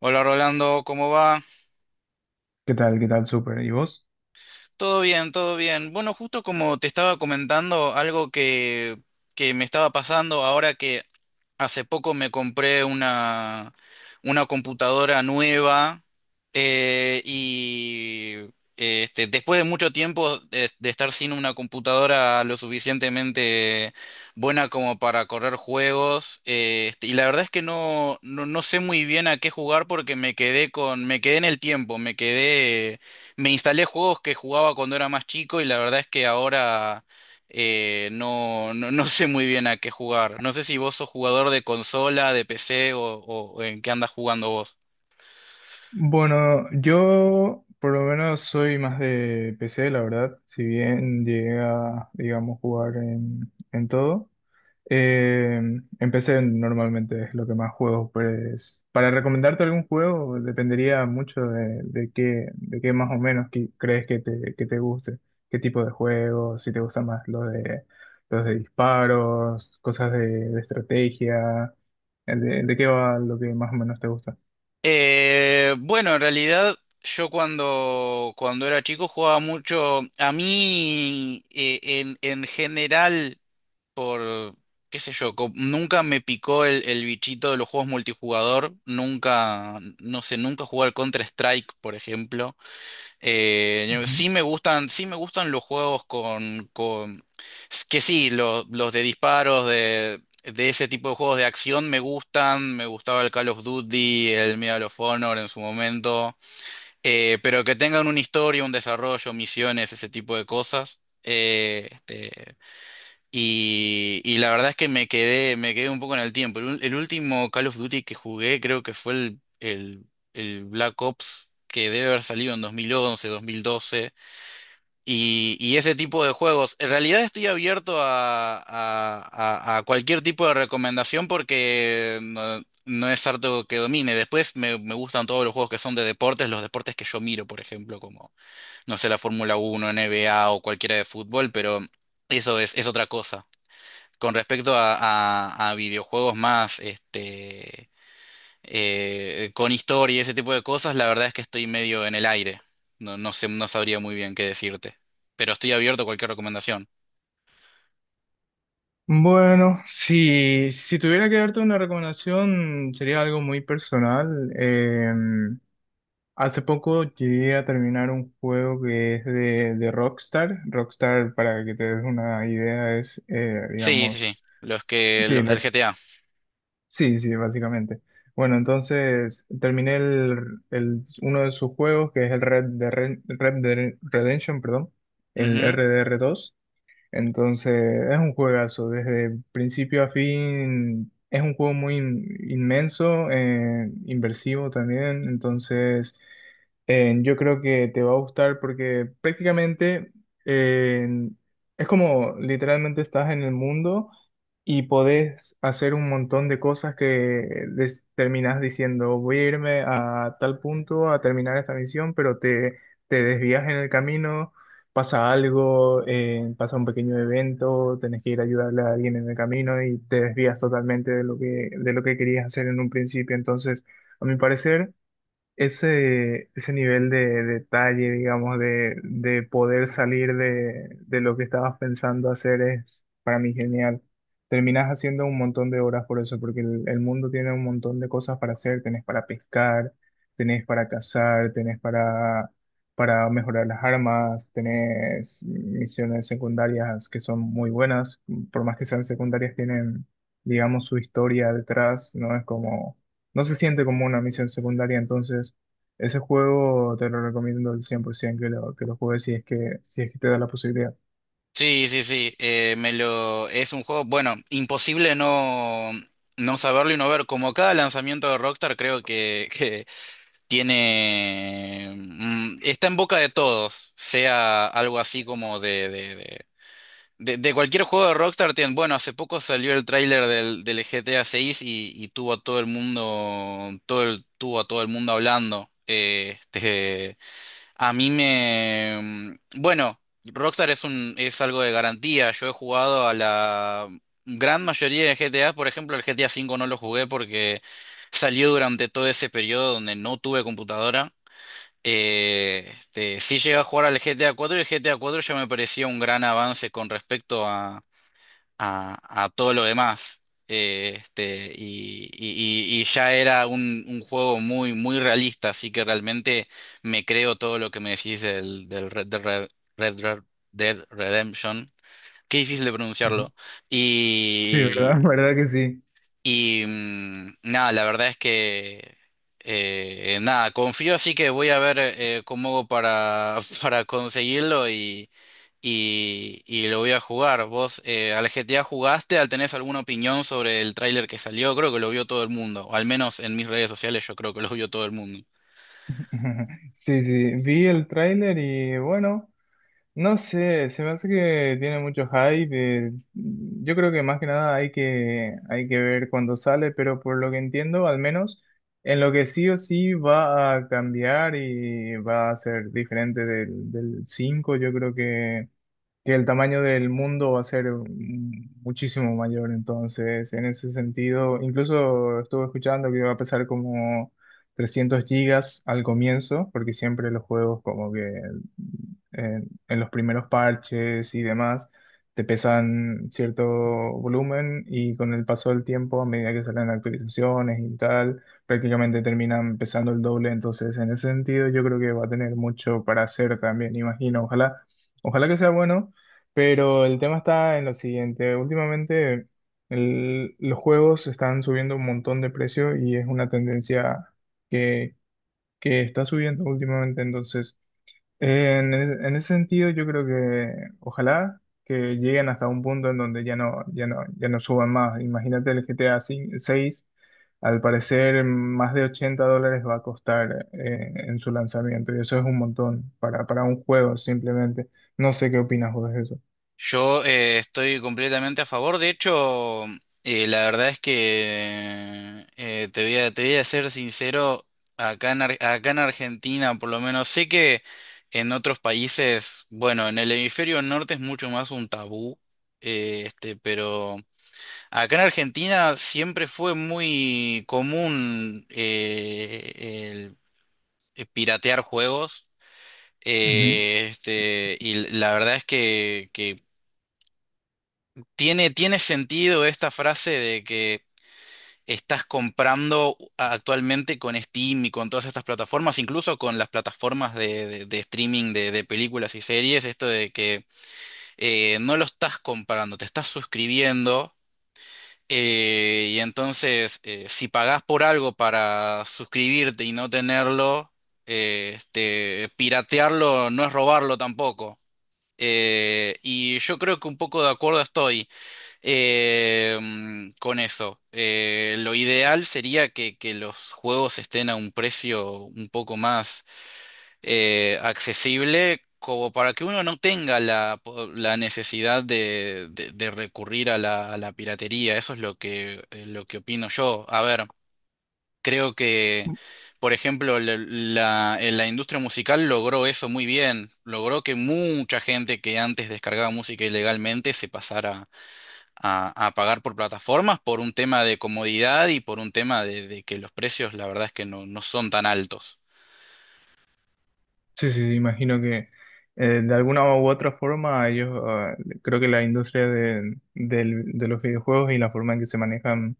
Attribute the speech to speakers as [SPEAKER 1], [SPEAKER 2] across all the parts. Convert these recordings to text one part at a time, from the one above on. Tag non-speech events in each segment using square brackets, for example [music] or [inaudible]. [SPEAKER 1] Hola Rolando, ¿cómo va?
[SPEAKER 2] ¿Qué tal? ¿Qué tal? Súper. ¿Y vos?
[SPEAKER 1] Todo bien, todo bien. Bueno, justo como te estaba comentando, algo que me estaba pasando ahora que hace poco me compré una computadora nueva eh, y después de mucho tiempo de estar sin una computadora lo suficientemente buena como para correr juegos y la verdad es que no sé muy bien a qué jugar porque me quedé me quedé en el tiempo, me quedé. Me instalé juegos que jugaba cuando era más chico y la verdad es que ahora no sé muy bien a qué jugar. No sé si vos sos jugador de consola, de PC o en qué andas jugando vos.
[SPEAKER 2] Bueno, yo por lo menos soy más de PC, la verdad. Si bien llegué a, digamos, jugar en todo. eh, en PC normalmente es lo que más juego. Pues para recomendarte algún juego dependería mucho de qué más o menos crees que que te guste. ¿Qué tipo de juegos? Si te gustan más los de disparos, cosas de estrategia. De qué va lo que más o menos te gusta?
[SPEAKER 1] Bueno, en realidad yo cuando era chico jugaba mucho. A mí en general, por qué sé yo, nunca me picó el bichito de los juegos multijugador. Nunca, no sé, nunca jugué al Counter-Strike, por ejemplo. Eh,
[SPEAKER 2] Ujú.
[SPEAKER 1] sí me gustan, sí me gustan los juegos con los de disparos, de ese tipo de juegos de acción me gustan. Me gustaba el Call of Duty, el Medal of Honor en su momento. Pero que tengan una historia, un desarrollo, misiones, ese tipo de cosas. Y la verdad es que me quedé un poco en el tiempo. El último Call of Duty que jugué creo que fue el Black Ops, que debe haber salido en 2011, 2012. Y ese tipo de juegos. En realidad estoy abierto a cualquier tipo de recomendación porque no, no es harto que domine. Después me gustan todos los juegos que son de deportes, los deportes que yo miro, por ejemplo, como, no sé, la Fórmula 1, NBA o cualquiera de fútbol, pero eso es otra cosa con respecto a videojuegos más, con historia y ese tipo de cosas, la verdad es que estoy medio en el aire. No, no sé, no sabría muy bien qué decirte. Pero estoy abierto a cualquier recomendación.
[SPEAKER 2] Bueno, si tuviera que darte una recomendación, sería algo muy personal. Hace poco llegué a terminar un juego que es de Rockstar. Rockstar, para que te des una idea, es,
[SPEAKER 1] Sí, sí, sí.
[SPEAKER 2] digamos,
[SPEAKER 1] Los que,
[SPEAKER 2] sí,
[SPEAKER 1] los del GTA.
[SPEAKER 2] sí, sí, básicamente. Bueno, entonces terminé uno de sus juegos, que es el Red Dead Redemption, perdón, el
[SPEAKER 1] Ujú.
[SPEAKER 2] RDR2. Entonces, es un juegazo, desde principio a fin, es un juego muy inmenso, inversivo también, entonces yo creo que te va a gustar porque prácticamente eh, es como literalmente estás en el mundo y podés hacer un montón de cosas que terminás diciendo, voy a irme a tal punto a terminar esta misión, pero te desvías en el camino, pasa algo, pasa un pequeño evento, tenés que ir a ayudarle a alguien en el camino y te desvías totalmente de lo que querías hacer en un principio. Entonces, a mi parecer ese, ese nivel de detalle, digamos, de poder salir de lo que estabas pensando hacer es para mí genial. Terminas haciendo un montón de horas por eso, porque el mundo tiene un montón de cosas para hacer. Tenés para pescar, tenés para cazar, para mejorar las armas, tenés misiones secundarias que son muy buenas. Por más que sean secundarias, tienen, digamos, su historia detrás, ¿no? Es como no se siente como una misión secundaria, entonces ese juego te lo recomiendo al 100% que que lo juegues si es si es que te da la posibilidad.
[SPEAKER 1] Sí, sí, sí. Me lo, es un juego, bueno, imposible no, no saberlo y no ver. Como cada lanzamiento de Rockstar, creo que, tiene, mm, está en boca de todos, sea algo así como de cualquier juego de Rockstar. Tiene, bueno, hace poco salió el tráiler del GTA 6 y tuvo a todo el mundo, todo el, tuvo a todo el mundo hablando. A mí me, mm, bueno, Rockstar es un, es algo de garantía. Yo he jugado a la gran mayoría de GTA, por ejemplo, el GTA 5 no lo jugué porque salió durante todo ese periodo donde no tuve computadora. Sí llegué a jugar al GTA 4 y el GTA 4 ya me parecía un gran avance con respecto a, a todo lo demás. Y ya era un juego muy, muy realista, así que realmente me creo todo lo que me decís del, del Red, Dead Red Dead Redemption. Qué difícil de
[SPEAKER 2] Ujú.
[SPEAKER 1] pronunciarlo.
[SPEAKER 2] Sí, ¿verdad? [laughs] ¿Verdad que sí?
[SPEAKER 1] Y mm, nada, la verdad es que nada, confío, así que voy a ver cómo hago para, [laughs] para conseguirlo y lo voy a jugar. ¿Vos al GTA jugaste? ¿Al tenés alguna opinión sobre el tráiler que salió? Creo que lo vio todo el mundo, o al menos en mis redes sociales yo creo que lo vio todo el mundo.
[SPEAKER 2] [laughs] Sí, sí, vi el tráiler y bueno, no sé, se me hace que tiene mucho hype. eh, yo creo que más que nada hay hay que ver cuando sale, pero por lo que entiendo, al menos en lo que sí o sí va a cambiar y va a ser diferente del cinco, yo creo que el tamaño del mundo va a ser muchísimo mayor. Entonces, en ese sentido, incluso estuve escuchando que va a pesar como 300 gigas al comienzo, porque siempre los juegos como que en los primeros parches y demás, te pesan cierto volumen y con el paso del tiempo, a medida que salen actualizaciones y tal, prácticamente terminan pesando el doble. Entonces, en ese sentido, yo creo que va a tener mucho para hacer también, imagino. Ojalá, ojalá que sea bueno, pero el tema está en lo siguiente. Últimamente los juegos están subiendo un montón de precio y es una tendencia que, que está subiendo últimamente. Entonces, en ese sentido, yo creo que ojalá que lleguen hasta un punto en donde ya no suban más. Imagínate el GTA 6, al parecer más de 80 dólares va a costar en su lanzamiento y eso es un montón para un juego simplemente. No sé qué opinas vos de eso.
[SPEAKER 1] Yo estoy completamente a favor. De hecho, la verdad es que te voy a ser sincero, acá en Argentina, por lo menos, sé que en otros países, bueno, en el hemisferio norte es mucho más un tabú, pero acá en Argentina siempre fue muy común el piratear juegos.
[SPEAKER 2] Ujú.
[SPEAKER 1] Y la verdad es que tiene, tiene sentido esta frase de que estás comprando actualmente con Steam y con todas estas plataformas, incluso con las plataformas de streaming de películas y series, esto de que no lo estás comprando, te estás suscribiendo. Si pagás por algo para suscribirte y no tenerlo, piratearlo no es robarlo tampoco. Y yo creo que un poco de acuerdo estoy. Con eso, lo ideal sería que los juegos estén a un precio un poco más accesible, como para que uno no tenga la necesidad de recurrir a a la piratería. Eso es lo lo que opino yo. A ver, creo que, por ejemplo, la en la industria musical logró eso muy bien. Logró que mucha gente que antes descargaba música ilegalmente se pasara a pagar por plataformas por un tema de comodidad y por un tema de que los precios, la verdad es que no, no son tan altos.
[SPEAKER 2] Sí, sí, sí, imagino que de alguna u otra forma creo que la industria de los videojuegos y la forma en que se manejan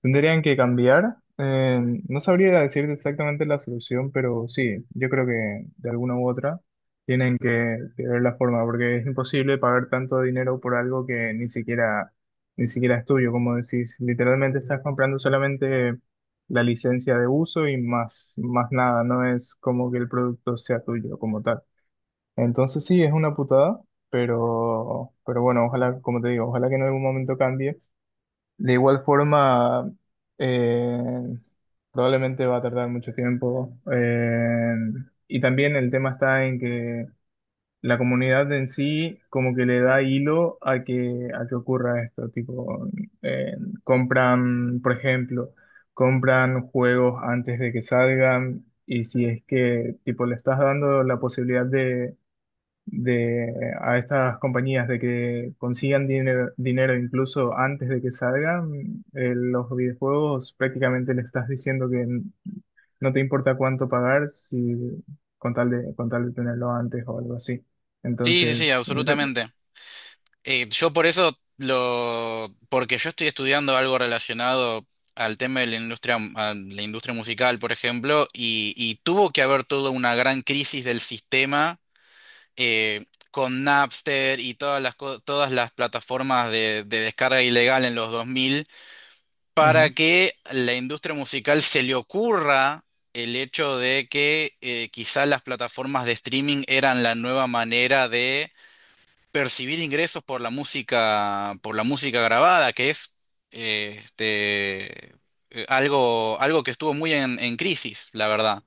[SPEAKER 2] tendrían que cambiar. No sabría decirte exactamente la solución, pero sí, yo creo que de alguna u otra tienen que ver la forma, porque es imposible pagar tanto dinero por algo que ni siquiera, ni siquiera es tuyo, como decís. Literalmente estás comprando solamente la licencia de uso y más, más nada, no es como que el producto sea tuyo como tal. Entonces sí, es una putada, pero bueno, ojalá, como te digo, ojalá que en algún momento cambie. De igual forma, eh, probablemente va a tardar mucho tiempo. Y también el tema está en que la comunidad en sí como que le da hilo a que ocurra esto. Tipo, eh, compran, por ejemplo, compran juegos antes de que salgan y si es que tipo le estás dando la posibilidad de, a estas compañías de que consigan dinero, dinero incluso antes de que salgan los videojuegos, prácticamente le estás diciendo que no te importa cuánto pagar si con tal con tal de tenerlo antes o algo así.
[SPEAKER 1] Sí, sí, sí,
[SPEAKER 2] Entonces, mm.
[SPEAKER 1] absolutamente. Yo por eso lo, porque yo estoy estudiando algo relacionado al tema de la industria, a la industria musical, por ejemplo, y tuvo que haber toda una gran crisis del sistema con Napster y todas las plataformas de descarga ilegal en los 2000 para
[SPEAKER 2] Ujú.
[SPEAKER 1] que la industria musical se le ocurra el hecho de que quizá las plataformas de streaming eran la nueva manera de percibir ingresos por la música grabada, que es eh, este, algo, algo que estuvo muy en crisis, la verdad.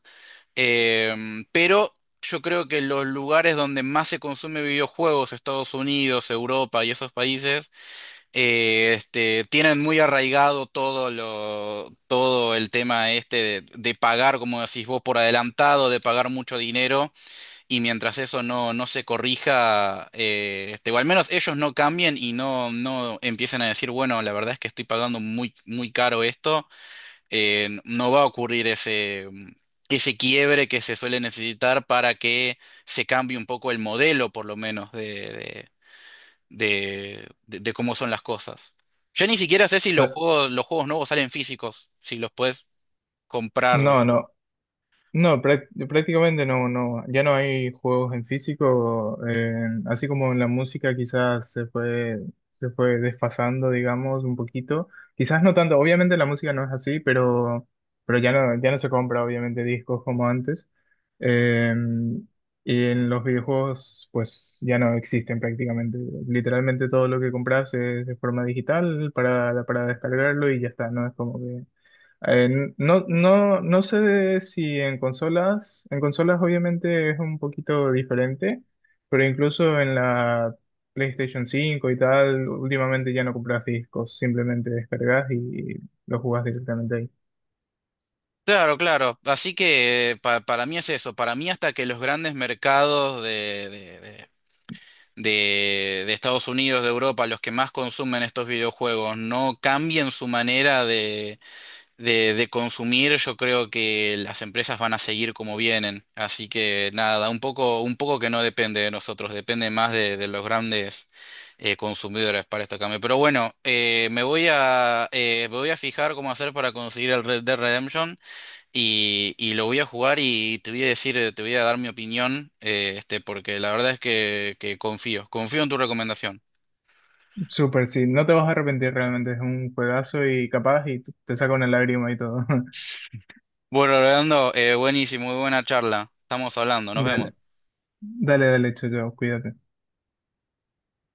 [SPEAKER 1] Pero yo creo que los lugares donde más se consume videojuegos, Estados Unidos, Europa y esos países, tienen muy arraigado todo lo, todo el tema este de pagar, como decís vos, por adelantado, de pagar mucho dinero, y mientras eso no, no se corrija, o al menos ellos no cambien y no, no empiecen a decir, bueno, la verdad es que estoy pagando muy, muy caro esto, no va a ocurrir ese quiebre que se suele necesitar para que se cambie un poco el modelo, por lo menos, de cómo son las cosas. Yo ni siquiera sé si los
[SPEAKER 2] Ta-
[SPEAKER 1] juegos, los juegos nuevos salen físicos, si los puedes comprar.
[SPEAKER 2] no, no. No, prácticamente no, no, ya no hay juegos en físico, así como en la música quizás se fue desfasando, digamos, un poquito. Quizás no tanto, obviamente la música no es así, pero ya no se compra obviamente discos como antes. Eh, y en los videojuegos pues ya no existen prácticamente. Literalmente todo lo que compras es de forma digital para descargarlo y ya está, no es como que eh, no, no, no sé de si en consolas, en consolas obviamente es un poquito diferente, pero incluso en la PlayStation 5 y tal, últimamente ya no compras discos, simplemente descargas y lo jugás directamente ahí.
[SPEAKER 1] Claro, claro. Así que para mí es eso. Para mí hasta que los grandes mercados de Estados Unidos, de Europa, los que más consumen estos videojuegos, no cambien su manera de consumir, yo creo que las empresas van a seguir como vienen. Así que nada, un poco que no depende de nosotros, depende más de los grandes consumidores para este cambio. Pero bueno, me voy a fijar cómo hacer para conseguir el Red Dead Redemption y lo voy a jugar y te voy a decir, te voy a dar mi opinión, porque la verdad es que confío, confío en tu recomendación.
[SPEAKER 2] Súper, sí, no te vas a arrepentir realmente, es un juegazo y capaz y te saca una lágrima y todo. [laughs]
[SPEAKER 1] Bueno, Leandro, buenísimo, muy buena charla. Estamos hablando, nos
[SPEAKER 2] Dale,
[SPEAKER 1] vemos.
[SPEAKER 2] dale, dale, chao, chao, cuídate.